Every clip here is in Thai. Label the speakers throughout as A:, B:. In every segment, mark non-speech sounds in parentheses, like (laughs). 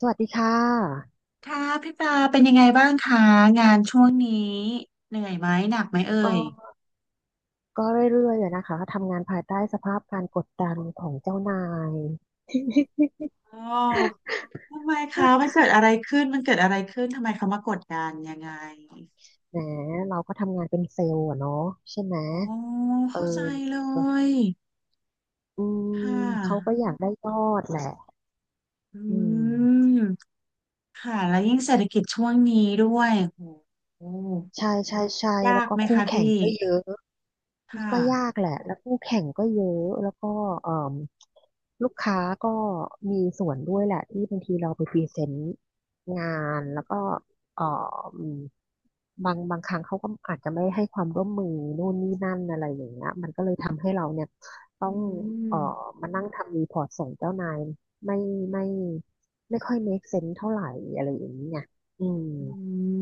A: สวัสดีค่ะ
B: ค่ะพี่ปลาเป็นยังไงบ้างคะงานช่วงนี้เหนื่อยไหมหนักไหมเอ่
A: ก็
B: ย
A: ก็เรื่อยๆอะนะคะทำงานภายใต้สภาพการกดดันของเจ้านาย (laughs)
B: อ๋อทำไมคะมันเกิดอะไรขึ้นมันเกิดอะไรขึ้นทำไมเขามากดดันยังไง
A: แหมเราก็ทำงานเป็นเซลล์อะเนาะใช่ไหม
B: อ๋อ
A: เออ
B: เข้าใจเลย
A: อื
B: ค่
A: มเขาก็
B: ะ
A: อยากได้ยอดแหละ
B: อื
A: อืม
B: มค่ะแล้วยิ่งเศรษฐกิจช่วงนี้ด้วยโอ้โห
A: ใช่ใช่ใช่
B: ยา
A: แล้ว
B: ก
A: ก็
B: ไหม
A: คู่
B: คะ
A: แข่
B: พี่
A: งก็เยอะ
B: ค่ะ
A: ก็ยากแหละแล้วคู่แข่งก็เยอะแล้วก็เอ่มลูกค้าก็มีส่วนด้วยแหละที่บางทีเราไปพรีเซนต์งานแล้วก็เอ่มบางครั้งเขาก็อาจจะไม่ให้ความร่วมมือนู่นนี่นั่นอะไรอย่างเงี้ยมันก็เลยทำให้เราเนี่ยต้
B: อื
A: อง
B: ม
A: เอ่อมานั่งทำรีพอร์ตส่งเจ้านายไม่ไม่ไม่ค่อย make sense เท่าไหร่อะไรอย่างเงี้ยอืม
B: อื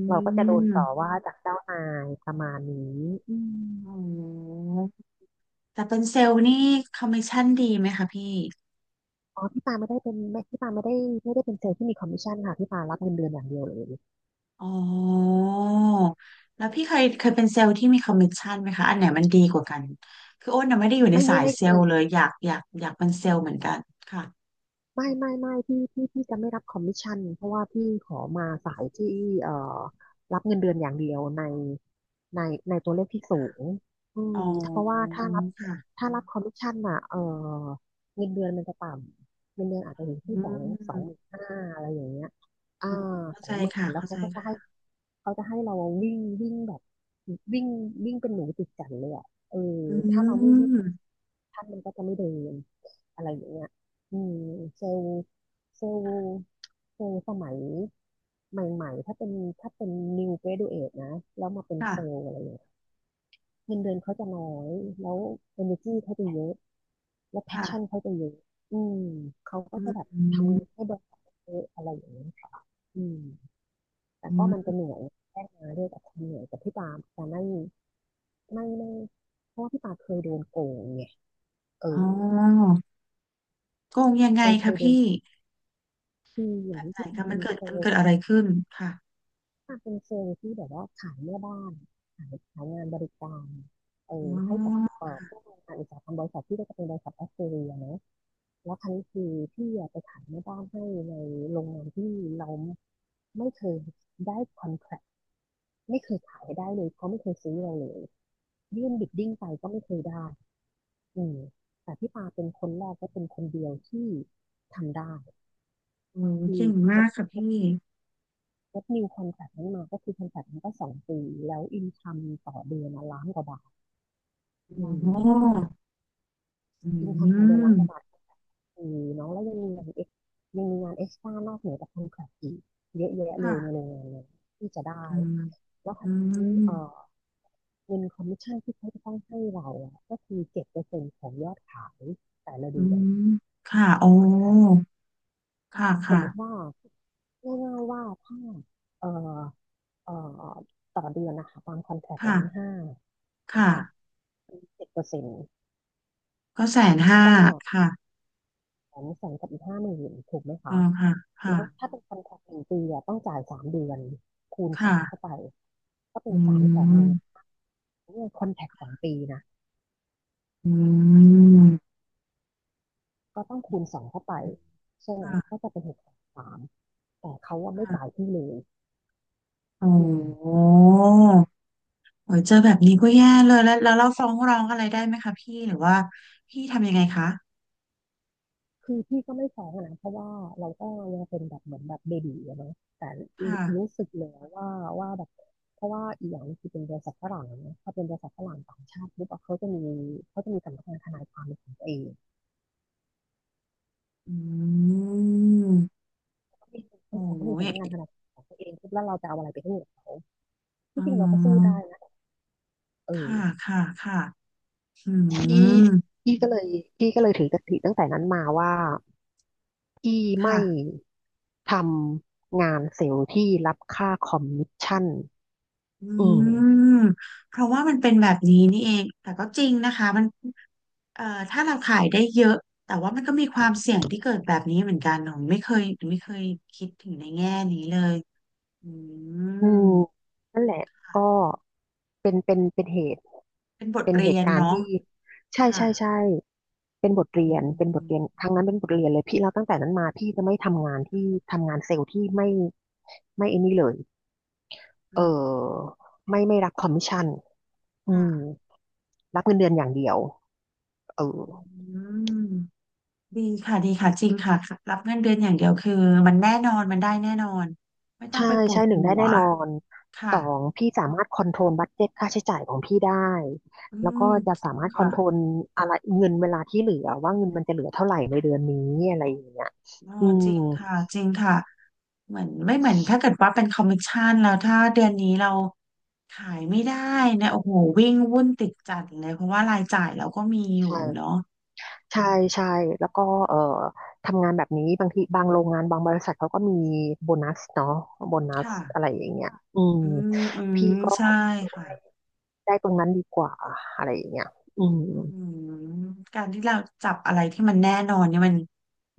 A: เราก็จะโดนต่อ
B: ม
A: ว่าจากเจ้านายประมาณนี้อืม
B: โอ้โหแต่เป็นเซลล์นี่คอมมิชชั่นดีไหมคะพี่
A: อ๋อ พี่ปาไม่ได้เป็นไม่พี่ปาไม่ได้เป็นเซลล์ที่มีคอมมิชชั่นค่ะพี่ปารับเงินเดือนอย่างเดียวเลย
B: อ๋อแล้วพี่เคยเคยเป็นเซลล์ที่มีคอมมิชชั่นไหมคะอันไหนมันดีกว่ากันคืออ้นน่ะไม่ได้อยู่ใน
A: ไม่
B: สา
A: ไม่
B: ย
A: ไม่
B: เซ
A: เค
B: ล
A: ย
B: ล์เลยอยากอยากอยากเป็นเซลล์เหมือนกันค่ะ
A: ไม่ไม่ไม่พี่จะไม่รับคอมมิชชั่นเพราะว่าพี่ขอมาสายที่เอ่อรับเงินเดือนอย่างเดียวในในตัวเลขที่สูงอืม
B: อ๋
A: เพราะว่า
B: อค่ะ
A: ถ้ารับคอมมิชชั่นอ่ะเออเงินเดือนมันจะต่ำเงินเดือนอาจจะอยู่ที่
B: อื
A: สอ
B: ม
A: งหมื่นห้าอะไรอย่างเงี้ยอ่า
B: อืมเข้า
A: สอ
B: ใจ
A: งหมื่น
B: ค่ะ
A: แล้ว
B: เข้า
A: เขา
B: ใจ
A: ก็จะให้
B: ค่ะ
A: เขาจะให้เราวิ่งวิ่งแบบวิ่งวิ่งเป็นหนูติดกันเลยอ่ะเออ
B: อื
A: ถ้าเราไม่วิ่ง
B: ม
A: ท่านมันก็จะไม่เดินอะไรอย่างเงี้ย อืมเซลล์เซลล์เซลล์สมัยใหม่ๆถ้าเป็น new graduate นะแล้วมาเป็นเซล
B: ค่ะ
A: ล์อะไรอย่างเงี้ยเงินเดือนเขาจะน้อยแล้ว energy เขาจะเยอะแล้ว
B: ค่ะ
A: passion เขาจะเยอะอืมเขาก็
B: อื
A: จะแบบ
B: ม
A: ทำงานให้บริษัทเยอะอะไรอย่างเงี้ยค่ะอืมแต่
B: อื
A: ก็มันจะ
B: ม
A: เหนื่อยแรกมาด้วยกับความเหนื่อยกับพี่ปาแต่ไม่ไม่ไม่เพราะว่าพี่ปาเคยโดนโกงไงเอ
B: อ๋
A: อ
B: อโกงยังไง
A: เค
B: คะ
A: ยโด
B: พี่
A: นคืออย่างที่
B: ไหน
A: พี่
B: คะ
A: ปา
B: มั
A: เป็
B: น
A: น
B: เกิด
A: โซ
B: มันเกิดอะไรขึ้นค่ะ
A: ถ้าเป็นเชิงที่แบบว่าขายแม่บ้านขายงานบริการเอ
B: อ๋
A: อให้กับ
B: อ
A: พวกโรงงานอุตสาหกรรมบริษัทที่ก็จะเป็นบริษัทออสเตรเลียเนะแล้วครั้นี้คือพี่อะไปขายแม่บ้านให้ในโรงงานที่เราไม่เคยได้คอนแทคไม่เคยขายได้เลยเขาไม่เคยซื้อเราเลยยื่นบิดดิ้งไปก็ไม่เคยได้อืมแต่พี่ปาเป็นคนแรกและเป็นคนเดียวที่ทำได้
B: โอ้
A: คือ
B: เก่ง
A: แก
B: มากค่ะพี่
A: รับนิวคอนแทคนั้นมาก็คือคอนแทคมันก็สองปีแล้วอินคัมต่อเดือนะล้านกว่าบาทอื
B: โอ้
A: ม
B: อื
A: อินคัมต่อเดือนล้า
B: ม
A: นกว่าบาทอืมเนาะแล้วยังมีงานเอ็กซ์ตร้านอกเหนือจากคอนแทคอีกเยอะแยะเล
B: ค่ะ
A: ยในโรงงานเลยที่จะได้
B: อืม
A: แล้วครา
B: อื
A: วนี้
B: ม
A: เงินคอมมิชชั่นที่เขาจะต้องให้เราอะก็คือ7%ของยอดขายแต่ละ
B: อื
A: เดือ
B: ม
A: น
B: ค่ะโอ้
A: คอนแทค
B: ค่ะ
A: สมมติ
B: ค่ะ
A: ว่าง่ายๆว่าถ้าเอ่อเอ่อต่อเดือนนะคะตามคอนแทค
B: ค่ะ
A: 1,500,000นะ
B: ค่ะ
A: คะ 10%
B: ก็150,000
A: ก็
B: ค่ะ
A: 200,000กับอีก50,000ถูกไหม
B: อ๋อ
A: คะ
B: ค่ะค่ะ
A: แล้วถ้าเป็นคอนแทค1 ปีอะต้องจ่าย3 เดือนคูณ
B: ค
A: สามเข้า
B: ่ะ
A: ไปก็เป็
B: อื
A: น310,000
B: ม
A: เนี่ยคอนแทคสองปีนะ
B: อืม
A: ก็ต้องคูณสองเข้าไปใช่ไหมก็
B: ค่ะ
A: จะเป็น630,000แต่เขาว่าไม่จ่า
B: ค่ะ
A: ยที่เลย
B: โอ้
A: อื
B: โ
A: ม
B: หโอ้ยเจอแบบนี้ก็แย่เลยแล้วแล้วเราฟ้องร้องอะไรได้ไหมคะพี่หรือว่าพี่ทำยังไงคะ
A: คือพี่ก็ไม่ท้องอะนะเพราะว่าเราก็ยังเป็นแบบเหมือนแบบเบบี๋อะเนาะแต่
B: ค่ะ
A: รู้สึกเลยว่าว่าแบบเพราะว่าอีกอย่างคือเป็นบริษัทฝรั่งนะถ้าเป็นบริษัทฝรั่งต่างชาติปุ๊บอะเขาจะมีสำนักงานทนายความเป็นของตัวเอง
B: อืมโอ้
A: เขามี
B: ย
A: สำนักงานทนายความของตัวเองปุ๊บแล้วเราจะเอาอะไรไปให้กับเขา
B: อ๋
A: ที่จริงเราก็สู้
B: อ
A: ได้นะเอ
B: ค่ะ
A: อ
B: ค่ะค่ะอื
A: พี่
B: ม
A: พี่ก็เลยพี่ก็เลยถือกติตั้งแต่นั้นมาว่าพี่ไม่
B: ค่ะ
A: ทำงานเซลล์ที่รับค่าคอมมิชชั่น
B: อื
A: อืม
B: มเพราะว่ามันเป็นแบบนี้นี่เองแต่ก็จริงนะคะมันเอ่อถ้าเราขายได้เยอะแต่ว่ามันก็มีความเสี่ยงที่เกิดแบบนี้เหมือนกันหนูไม่เคยหนูไม่เคยคิดถึงในแง่นี้เลยอื
A: อื
B: ม
A: มนั่นแหละก็เป็นเหตุ
B: เป็นบท
A: เป็นเห
B: เรีย
A: ตุ
B: น
A: การณ์
B: เนาะ
A: ที่ใช่
B: ค่ะ
A: ใช่ใช่
B: อื
A: เป็นบท
B: ม
A: เรียนครั้งนั้นเป็นบทเรียนเลยพี่แล้วตั้งแต่นั้นมาพี่จะไม่ทำงานที่ทำงานเซลล์ที่ไม่ไอ้นี่เลย
B: อื
A: เอ
B: ม
A: อไม่รับคอมมิชชั่นอืม
B: ค่ะ
A: รับเงินเดือนอย่างเดียวเออ
B: อืม ดีค่ะ ดีค่ะ จริงค่ะ รับเงินเดือนอย่างเดียวคือมันแน่นอนมันได้แน่นอนไม่ต้อง
A: ใช่
B: ไปปว
A: ใช่
B: ด
A: หนึ่ง
B: หั
A: ได้
B: ว
A: แน่นอน
B: ค่ะ
A: สองพี่สามารถคอนโทรลบัดเจ็ตค่าใช้จ่ายของพี่ได้
B: อื
A: แล้ว
B: ม
A: ก็จะสา
B: ถูก
A: มารถคอ
B: ค่ะ
A: นโทรลอะไรเงินเวลาที่เหลือว่าเงินมันจะเหลือเท่าไหร่ในเดือนนี้อะไรอย่างเงี้ย
B: เออ
A: อื
B: จ
A: ม
B: ริงค่ะจริงค่ะเหมือนไม่เหมือนถ้าเกิดว่าเป็นคอมมิชชั่นแล้วถ้าเดือนนี้เราขายไม่ได้เนี่ยโอ้โหวิ่งวุ่นติดจัดเลยเพราะว่ารายจ่ายเราก็มีอยู่เนาะ
A: ใช่ใช่
B: อืม
A: ใช่แล้วก็เอ่อทำงานแบบนี้บางทีบางโรงงานบางบริษัทเขาก็มีโบนัสเนาะโบนัส
B: ค่ะ
A: อะไรอย่างเงี้ยอืม
B: อืมอืม
A: พี่ก็
B: ใช่ค่ะ
A: ได้ตรงนั้นดีกว่าอะไรอย่างเงี้ยอืม
B: อืมการที่เราจับอะไรที่มันแน่นอนเนี่ยมัน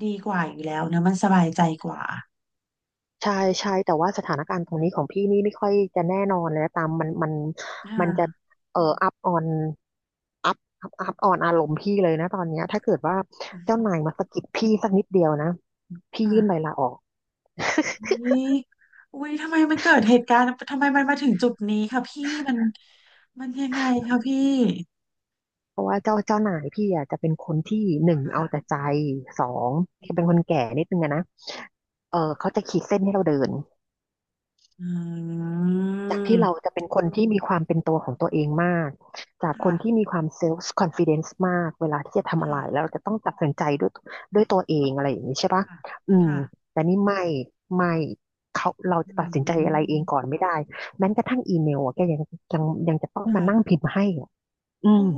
B: ดีกว่าอยู่แล้วเนอะมันสบายใจกว่า
A: ใช่ใช่แต่ว่าสถานการณ์ตรงนี้ของพี่นี่ไม่ค่อยจะแน่นอนเลยนะตามมัน
B: ค
A: มันจะ
B: ่ะ
A: อัพออนอัพออนอารมณ์พี่เลยนะตอนเนี้ยถ้าเกิดว่าเจ้านายมาสะกิดพี่สักนิดเดียวนะพี่ยื่นใบ
B: ค่ะ
A: ลาออก (laughs)
B: นี่อุ้ยทำไมมันเกิดเหตุการณ์ทำไมมันมาถึงจุดนี้ค่ะพี่มันมันยังไงคะพี่
A: เพราะว่าเจ้านายพี่อ่ะจะเป็นคนที่หนึ่งเอาแต่ใจสองแกเป็นคนแก่นิดนึงอะนะเออเขาจะขีดเส้นให้เราเดิน
B: อื
A: จากที่เรา
B: ม
A: จะเป็นคนที่มีความเป็นตัวของตัวเองมากจากคนที่
B: ค่ะ
A: มีความเซลฟ์คอนฟ idence มากเวลาที่จะทำอะไรแล้
B: ค่ะ
A: วเราจะต้องตัดสินใจด้วยตัวเองอะไรอย่างนี้ใช่ปะ
B: ค่ะ
A: อืม
B: ค่ะ
A: แต่นี่ไม่ไม่เขาเรา
B: อื
A: จะตัดสินใจอะไรเองก่
B: ม
A: อนไม่ได้แม้กระทั่งอีเมลอะแกยังยังจะต้องมา
B: ค่ะ
A: นั่งพิมพ์ให้อะอื
B: โอ้
A: ม
B: โห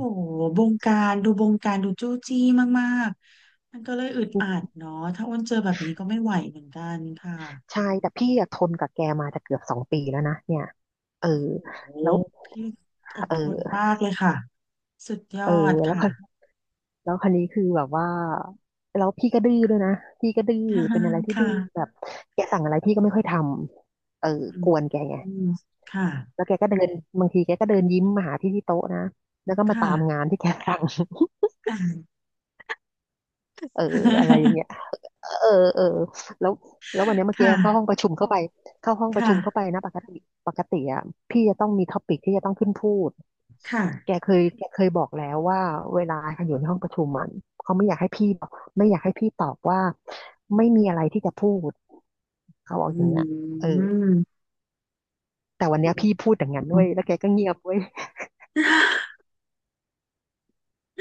B: บงการดูบงการดูจู้จี้มากๆมันก็เลยอึดอัดเนาะถ้าอ้นเจอแบบนี้ก็ไม่ไหวเหมือนกันค่ะ
A: ใช่แต่พี่อะทนกับแกมาจะเกือบสองปีแล้วนะเนี่ยเออ
B: โอ้โห
A: แล้ว
B: พี่อดทน
A: เออ
B: มากเลยค่ะสุดย
A: เออ
B: อด
A: แล้ว
B: ค่ะ
A: แล้วคันนี้คือแบบว่าแล้วพี่ก็ดื้อด้วยนะพี่ก็ดื้อ
B: อ่า
A: เป็นอะไรที่
B: ค่ะ
A: ดื้อแบบแกสั่งอะไรพี่ก็ไม่ค่อยทำเออ
B: อื
A: ก
B: ม
A: วนแกไง
B: อืมค่ะ
A: แล้วแกก็เดินบางทีแกก็เดินยิ้มมาหาพี่ที่โต๊ะนะแล้วก็มา
B: ค่ะ
A: ตามงานที่แกสั่ง (laughs)
B: อ่า
A: เอออะไรอย่างเงี้ย เออเออแล้วแล้ววันเนี้ย
B: (laughs) ค
A: เมื่อกี้เข้าห้อง
B: ่ะ
A: ประชุมเข้าไปเข้าห้องประ
B: ค่ะ
A: ชุมเข้าไปนะปกติปกติอ่ะพี่จะต้องมีท็อปิกที่จะต้องขึ้นพูด
B: ค่ะ
A: แกเคยบอกแล้วว่าเวลาอยู่ในห้องประชุมมันเขาไม่อยากให้พี่บอกไม่อยากให้พี่ตอบว่าไม่มีอะไรที่จะพูดเขาบอก
B: อื
A: อย่างเงี้ยเออ
B: ม
A: แต่วันเนี้ยพี่พูดอย่างนั้นด้วยแล้วแกก็เงียบเว้ย
B: (laughs)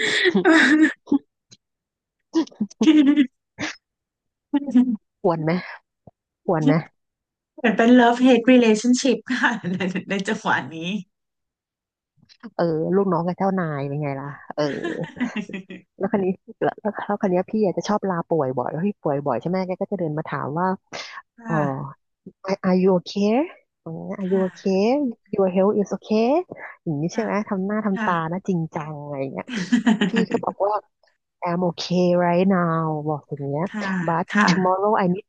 A: (laughs)
B: เหม
A: ควรไหมควรไหม
B: ือนเป็น love hate relationship ค่ะในในจังหวะนี้
A: เออลูกน้องกับเจ้านายเป็นไงล่ะเออ แล้วคันนี้แล้วแล้วคันนี้ยพี่อาจจะชอบลาป่วยบ่อยแล้วพี่ป่วยบ่อยใช่ไหมแกก็จะเดินมาถามว่า
B: ค
A: เออ
B: ่ะ
A: are you okay อย่างเงี้ย are
B: ค
A: you
B: ่ะ
A: okay your health is okay อย่างนี้ใช่
B: ค่ะ
A: ไหมทำหน้าทำตานะ
B: ค่ะ
A: จริงจังอะไรอย่างเงี้ยพี่ก็บอกว่า I'm okay right now บอกอย่างเงี้ย
B: ค่ะ
A: but
B: ค่ะ
A: tomorrow I need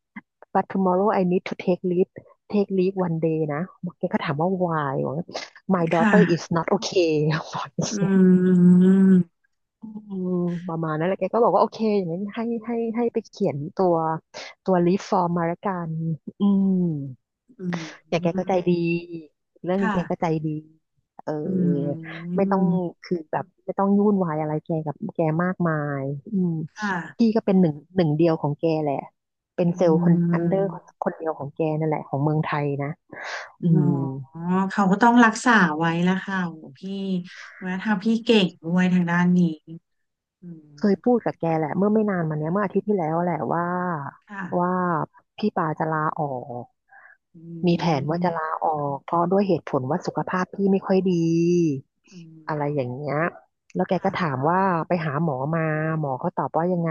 A: but tomorrow I need to take leave take leave one day นะแกก็ถามว่า why บอกว่า my daughter
B: ค่ะ
A: is not okay (laughs) บอก
B: อืม
A: อืมประมาณนั้นแหละแกก็บอกว่าโอเคอย่างนั้นให้ไปเขียนตัวรีฟอร์มมาละกันอืม
B: อื
A: อย่างแกก็ใจ
B: ม
A: ดีเรื่องนึง
B: ค่ะ
A: แกก็ใจดีเออ
B: อื
A: ไม่ต้อง
B: ม
A: คือแบบไม่ต้องยุ่นวายอะไรแกกับแกมากมายอืม
B: ค่ะ
A: พี่ก็เป็นหนึ่งเดียวของแกแหละ เป็น
B: อื
A: เซลล์คนอันเดอร์
B: ม
A: คนเดียวของแกนั่นแหละของเมืองไทยนะอื
B: อ๋
A: ม
B: อเขาก็ต้องรักษาไว้ละค่ะโอ้พี่วัฒนธรรมพี่เก่งด้วยทางด้านนี้อืม
A: เคยพูดกับแกแหละเมื่อไม่นานมาเนี้ยเมื่ออาทิตย์ที่แล้วแหละว่าว่า
B: ค่ะ
A: พี่ปาจะลาออก
B: อื
A: มีแผนว่าจะลา
B: ม
A: ออกเพราะด้วยเหตุผลว่าสุขภาพพี่ไม่ค่อยดี
B: อื
A: อะไรอย่า
B: ม
A: งเงี้ยแล้วแกก็
B: ค่ะ
A: ถามว่าไปหาหมอมาหมอเขาตอบว่ายังไง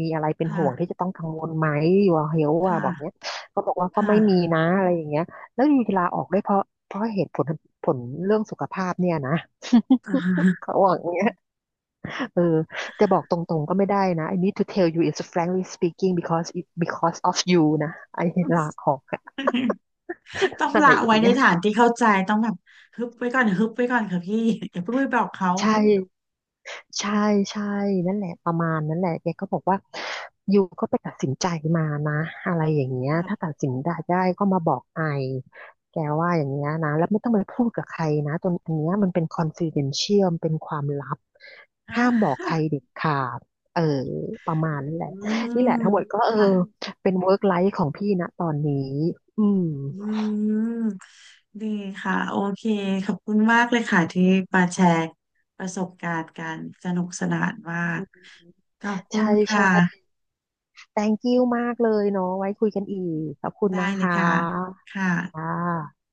A: มีอะไรเป็นห่วงที่
B: ค่ะ
A: จะต้องกังวลไหมอยู่เฮลว่า
B: ค่ะ
A: บอกเนี้ยก็บอกว่าก็ไม่มี
B: ค่ะ
A: นะอะไรอย่างเงี้ยแล้วอยู่จะลาออกด้วยเพราะเหตุผลผลเรื่องสุขภาพเนี่ยนะ
B: (laughs) อ่าฮะ
A: (laughs) เขาบอกอย่างเงี้ย เออจะบอกตรงๆก็ไม่ได้นะ I need to tell you is t frankly speaking because of you นะไอ้ลาออกอ
B: ต้อง
A: อะไร
B: ละ
A: อย่า
B: ไว้
A: ง
B: ใน
A: เงี้ย
B: ฐานที่เข้าใจต้องแบบฮึบไว้ก่อนฮึบไว้ก่อนค่ะพี่ (laughs) อย่าเพิ่งไปบอกเขา
A: ใช่ ใช่ใช่นั่นแหละประมาณนั้นแหละแกก็บอกว่ายูก็ไปตัดสินใจมานะอะไรอย่างเงี้ยถ้า
B: ค่ะ
A: ตัดสินได้ก็มาบอกไอแกว่าอย่างเงี้ยนะแล้วไม่ต้องไปพูดกับใครนะตอนอันเนี้ยมันเป็น confidential มันเป็นความลับ
B: อ่
A: ห้ามบอกใคร
B: า
A: เด็ดขาดเออประมาณนั้นแหละ
B: อื
A: นี่แหละ
B: ม
A: ทั้งหมดก็เออ
B: ค่ะ
A: เป็น work life ของพี่นะตอนนี้อืม
B: อืมดีค่ะโอเคขอบคุณมากเลยค่ะที่มาแชร์ประสบการณ์กันสนุกสนานมากขอบคุ
A: ใช่
B: ณค่ะ
A: ใช่ thank you มากเลยเนาะไว้คุยกันอีกขอบคุณ
B: ได้
A: นะ
B: เลย
A: คะ
B: ค่ะค่ะ
A: ค่ะ